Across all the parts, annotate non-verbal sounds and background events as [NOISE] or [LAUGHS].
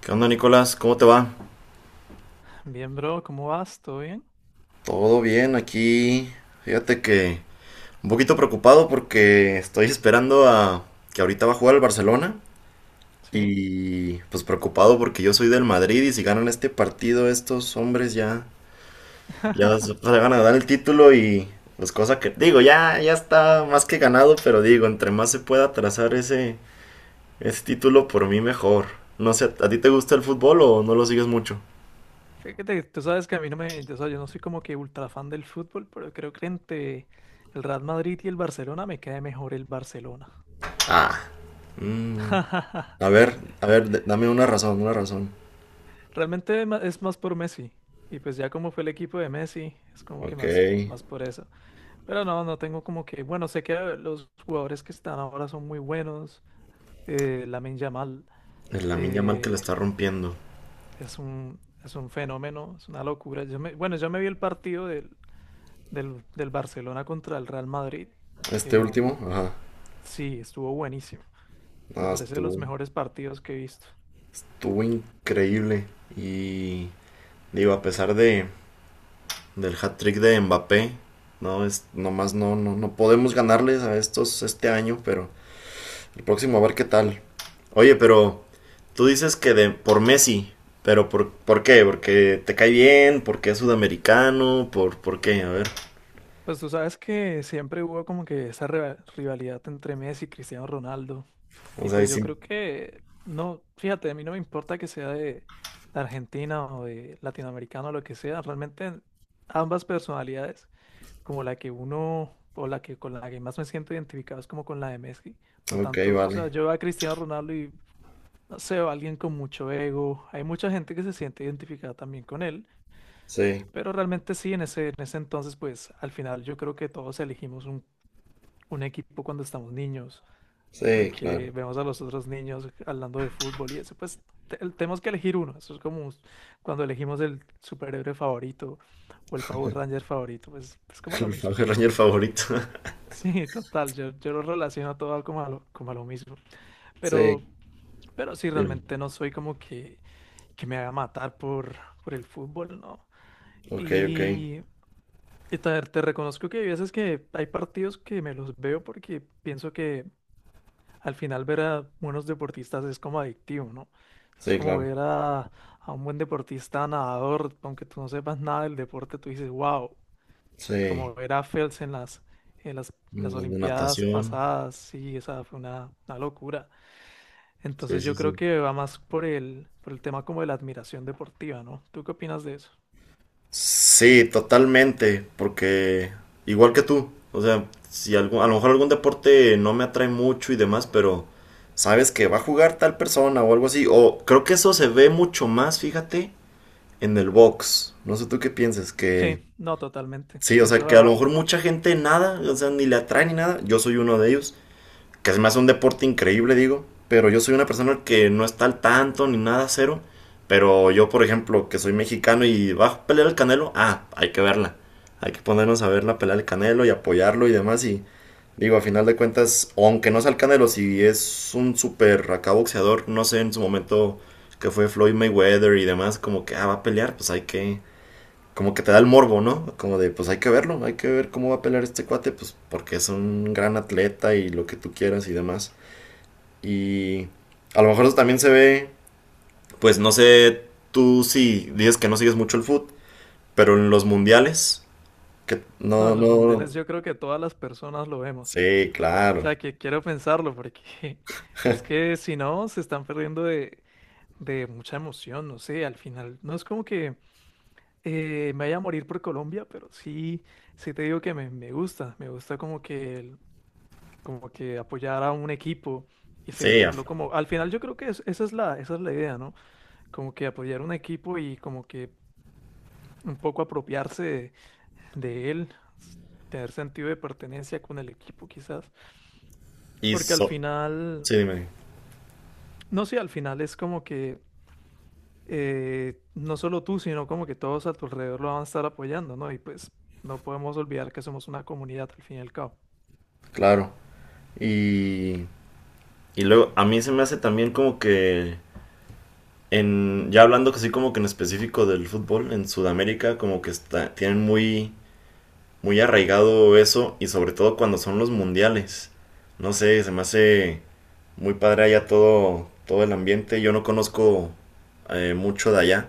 ¿Qué onda, Nicolás? ¿Cómo te va? Bien, bro, ¿cómo vas? ¿Todo bien? Todo bien aquí. Fíjate que un poquito preocupado porque estoy esperando a que ahorita va a jugar el Barcelona Sí. y pues preocupado porque yo soy del Madrid y si ganan este partido estos hombres ya se [LAUGHS] se van a dar el título y pues cosa que digo, ya está más que ganado, pero digo, entre más se pueda atrasar ese título por mí mejor. No sé, ¿a ti te gusta el fútbol o no lo sigues mucho? Fíjate, que tú sabes que a mí no me, o sea, yo no soy como que ultra fan del fútbol, pero creo que entre el Real Madrid y el Barcelona me cae mejor el Barcelona. Ah, mm. [LAUGHS] A ver, dame una razón, una razón. Realmente es más por Messi. Y pues ya como fue el equipo de Messi, es como que Ok. más, El más por eso. Pero no, no tengo como que, bueno, sé que los jugadores que están ahora son muy buenos. Lamine Yamal Lamine Yamal que la eh, está rompiendo. es un, es un fenómeno, es una locura. Bueno, yo me vi el partido del Barcelona contra el Real Madrid. Este último, El, ajá. sí, estuvo buenísimo. Me Ah, parece de los estuvo, mejores partidos que he visto. estuvo increíble. Y digo, a pesar de, del hat-trick de Mbappé, no es, nomás no, no, no podemos ganarles a estos este año, pero el próximo a ver qué tal. Oye, pero tú dices que por Messi, pero ¿por qué? ¿Porque te cae bien? ¿Porque es sudamericano? ¿Por qué? A ver. Pues tú sabes que siempre hubo como que esa rivalidad entre Messi y Cristiano Ronaldo. O Y sea, y pues yo sí. creo que, no, fíjate, a mí no me importa que sea de Argentina o de latinoamericano o lo que sea. Realmente ambas personalidades, como la que uno o la que con la que más me siento identificado es como con la de Messi. No Ok, tanto, o sea, vale. yo veo a Cristiano Ronaldo y no sé, o alguien con mucho ego. Hay mucha gente que se siente identificada también con él, Sí, pero realmente sí, en ese entonces, pues al final yo creo que todos elegimos un, equipo cuando estamos niños, sí, claro. porque vemos a los otros niños hablando de fútbol y eso, pues tenemos que elegir uno. Eso es como cuando elegimos el superhéroe favorito o el Power Ranger favorito, pues es como [LAUGHS] lo El mismo. el [LAUGHS] Ranger favorito. [LAUGHS] Sí, total, yo lo relaciono todo como a lo mismo, Sí, pero, pero, sí, dime. realmente no soy como que me va a matar por, el fútbol, ¿no? Ok, ok. Y, y te reconozco que hay veces que hay partidos que me los veo porque pienso que al final ver a buenos deportistas es como adictivo, ¿no? Es Sí, como claro. ver a, un buen deportista nadador, aunque tú no sepas nada del deporte, tú dices, wow, Sí. como ver a Phelps en las, Los de Olimpiadas natación. pasadas, sí, esa fue una locura. Sí, Entonces sí, yo creo sí. que va más por el tema como de la admiración deportiva, ¿no? ¿Tú qué opinas de eso? Sí, totalmente, porque igual que tú, o sea, si algún, a lo mejor algún deporte no me atrae mucho y demás, pero sabes que va a jugar tal persona o algo así, o creo que eso se ve mucho más, fíjate, en el box. No sé tú qué piensas, Sí, que no, totalmente. sí, o Tienes sea, toda que la a lo mejor razón. mucha gente nada, o sea, ni le atrae ni nada. Yo soy uno de ellos, que se me hace un deporte increíble, digo. Pero yo soy una persona que no está al tanto ni nada, cero. Pero yo, por ejemplo, que soy mexicano y va a pelear el Canelo, ah, hay que verla. Hay que ponernos a ver la pelea del Canelo y apoyarlo y demás. Y digo, a final de cuentas, aunque no sea el Canelo, si es un super acá boxeador, no sé en su momento que fue Floyd Mayweather y demás, como que ah, va a pelear, pues hay que, como que te da el morbo, ¿no? Como de, pues hay que verlo, hay que ver cómo va a pelear este cuate, pues porque es un gran atleta y lo que tú quieras y demás. Y a lo mejor eso también se ve, pues no sé, tú sí dices que no sigues mucho el fútbol, pero en los mundiales, que No, no, en los no, mundiales yo creo que todas las personas lo vemos. sí, O claro, sea, que quiero pensarlo porque [LAUGHS] es que si no, se están perdiendo de, mucha emoción. No sé, al final no es como que me vaya a morir por Colombia, pero sí, sí te digo que me, gusta. Me gusta como que, como que apoyar a un equipo y sí, sentirlo como. Al final yo creo que esa es la idea, ¿no? Como que apoyar un equipo y como que un poco apropiarse de él, tener sentido de pertenencia con el equipo quizás, y porque al final, sí, dime, no sé, al final es como que no solo tú, sino como que todos a tu alrededor lo van a estar apoyando, ¿no? Y pues no podemos olvidar que somos una comunidad al fin y al cabo. claro. Y, y luego a mí se me hace también como que en, ya hablando que sí como que en específico del fútbol, en Sudamérica como que está, tienen muy, muy arraigado eso y sobre todo cuando son los mundiales. No sé, se me hace muy padre allá todo, todo el ambiente. Yo no conozco mucho de allá,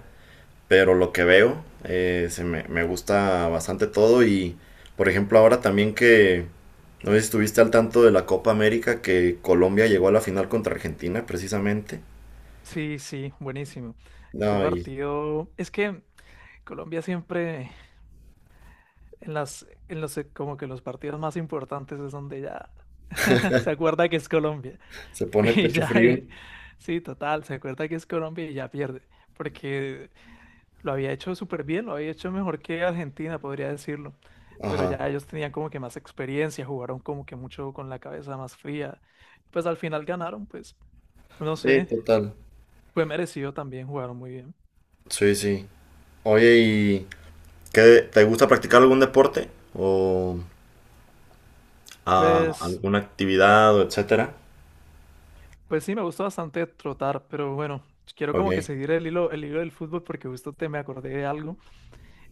pero lo que veo, me gusta bastante todo y por ejemplo ahora también que no sé si estuviste al tanto de la Copa América, que Colombia llegó a la final contra Argentina precisamente. Sí, sí, buenísimo. Ese No, y partido, es que Colombia siempre en los, como que los partidos más importantes es donde ya se acuerda que es Colombia. se pone [LAUGHS] Y pecho ya, frío. Sí, total, se acuerda que es Colombia y ya pierde. Porque lo había hecho súper bien, lo había hecho mejor que Argentina, podría decirlo. Pero ya Ajá. ellos tenían como que más experiencia, jugaron como que mucho con la cabeza más fría. Pues al final ganaron, pues, no Sí, sé, total. fue merecido también, jugaron muy bien. Sí, sí. Oye, ¿y qué te gusta practicar algún deporte o Pues, alguna actividad o etcétera? pues sí, me gustó bastante trotar, pero bueno, quiero Ok, como que seguir el hilo del fútbol porque justo te me acordé de algo.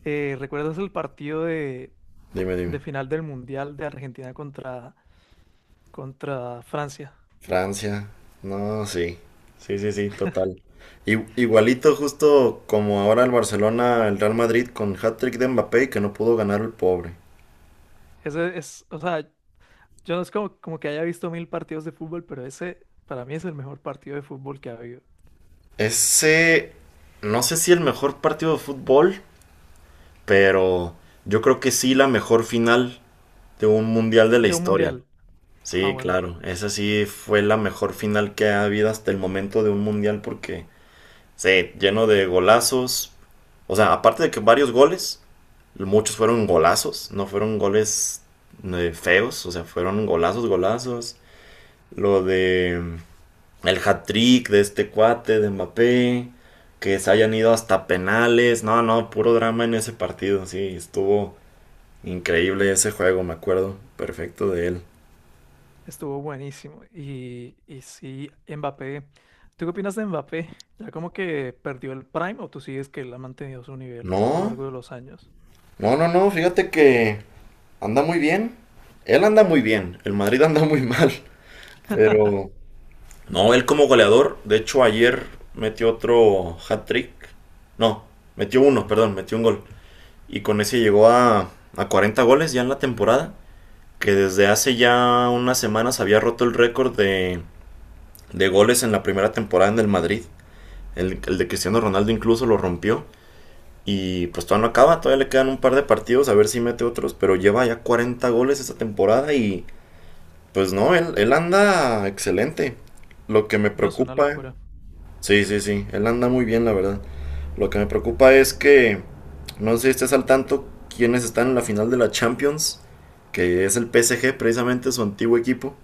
¿Recuerdas el partido de, dime, dime. de final del Mundial de Argentina contra Francia? Francia. No, sí. Sí, sí, sí, total. Igualito justo como ahora el Barcelona, el Real Madrid con hat-trick de Mbappé y que no pudo ganar el pobre. Ese es, o sea, yo no es como, como que haya visto 1000 partidos de fútbol, pero ese para mí es el mejor partido de fútbol que ha habido. Ese, no sé si el mejor partido de fútbol, pero yo creo que sí la mejor final de un mundial de la De un historia. Mundial. Ah, Sí, bueno, claro, esa sí fue la mejor final que ha habido hasta el momento de un mundial porque, sí, lleno de golazos, o sea, aparte de que varios goles, muchos fueron golazos, no fueron goles feos, o sea, fueron golazos, golazos, lo de mm, el hat-trick de este cuate de Mbappé, que se hayan ido hasta penales, no, no, puro drama en ese partido, sí, estuvo increíble ese juego, me acuerdo perfecto de él. estuvo buenísimo. y sí, Mbappé. ¿Tú qué opinas de Mbappé? ¿Ya como que perdió el prime o tú sigues que él ha mantenido su nivel a lo No. largo de los años? No, no, no, fíjate que anda muy bien. Él anda muy bien, el Madrid anda muy [LAUGHS] mal, pero. No, él como goleador, de hecho ayer metió otro hat-trick. No, metió uno, perdón, metió un gol. Y con ese llegó a 40 goles ya en la temporada, que desde hace ya unas semanas había roto el récord de goles en la primera temporada en el Madrid. El de Cristiano Ronaldo incluso lo rompió. Y pues todavía no acaba, todavía le quedan un par de partidos a ver si mete otros, pero lleva ya 40 goles esta temporada y pues no, él anda excelente. Lo que me No, es una preocupa, locura. sí, sí, sí, él anda muy bien, la verdad. Lo que me preocupa es que no sé si estés al tanto quiénes están en la final de la Champions, que es el PSG, precisamente su antiguo equipo.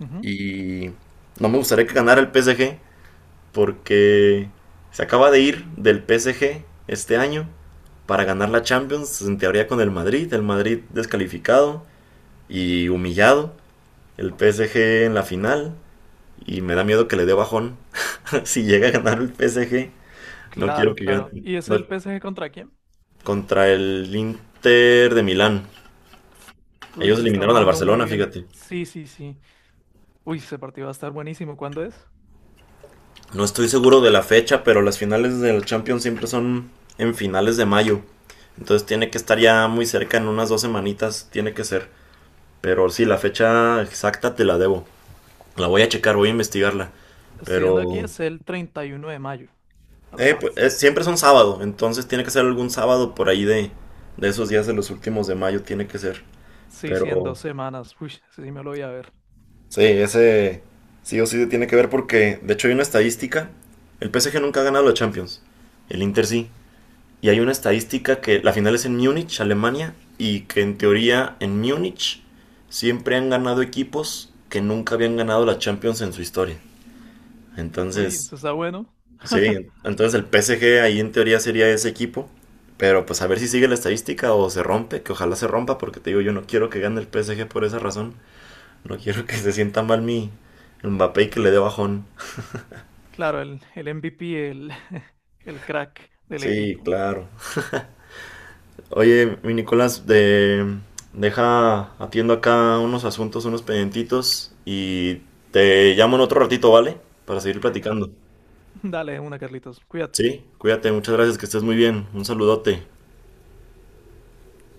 Ujú. Y no me gustaría que ganara el PSG porque se acaba de ir del PSG este año para ganar la Champions, en teoría con el Madrid descalificado y humillado, el PSG en la final, y me da miedo que le dé bajón [LAUGHS] si llega a ganar el PSG, no quiero Claro, que claro. gane ¿Y es no, el PSG contra quién? contra el Inter de Milán. Uy, Ellos se está eliminaron al jugando muy Barcelona, bien. fíjate. Sí, sí, sí. Uy, ese partido va a estar buenísimo. ¿Cuándo es? No estoy seguro de la fecha, pero las finales del Champions siempre son en finales de mayo. Entonces tiene que estar ya muy cerca, en unas 2 semanitas tiene que ser. Pero sí, la fecha exacta te la debo. La voy a checar, voy a investigarla. Estoy Pero viendo aquí, es el 31 de mayo, a pues, las. Siempre es un sábado, entonces tiene que ser algún sábado por ahí de esos días de los últimos de mayo, tiene que ser. Sí, sí, en Pero 2 semanas. Uy, ese sí me lo voy a ver. sí, ese sí o sí tiene que ver porque, de hecho, hay una estadística. El PSG nunca ha ganado la Champions, el Inter sí. Y hay una estadística que la final es en Múnich, Alemania, y que en teoría en Múnich siempre han ganado equipos que nunca habían ganado la Champions en su historia. Uy, Entonces, eso está bueno. sí, [LAUGHS] entonces el PSG ahí en teoría sería ese equipo, pero pues a ver si sigue la estadística o se rompe, que ojalá se rompa, porque te digo, yo no quiero que gane el PSG por esa razón, no quiero que se sienta mal mi Mbappé y que le dé bajón. Claro, el MVP, el, [LAUGHS] el crack del Sí, equipo. claro. Oye, mi Nicolás, deja, atiendo acá unos asuntos, unos pendientitos y te llamo en otro ratito, ¿vale? Para seguir platicando. Dale, una, Carlitos. Cuídate. Sí, cuídate, muchas gracias, que estés muy bien. Un saludote.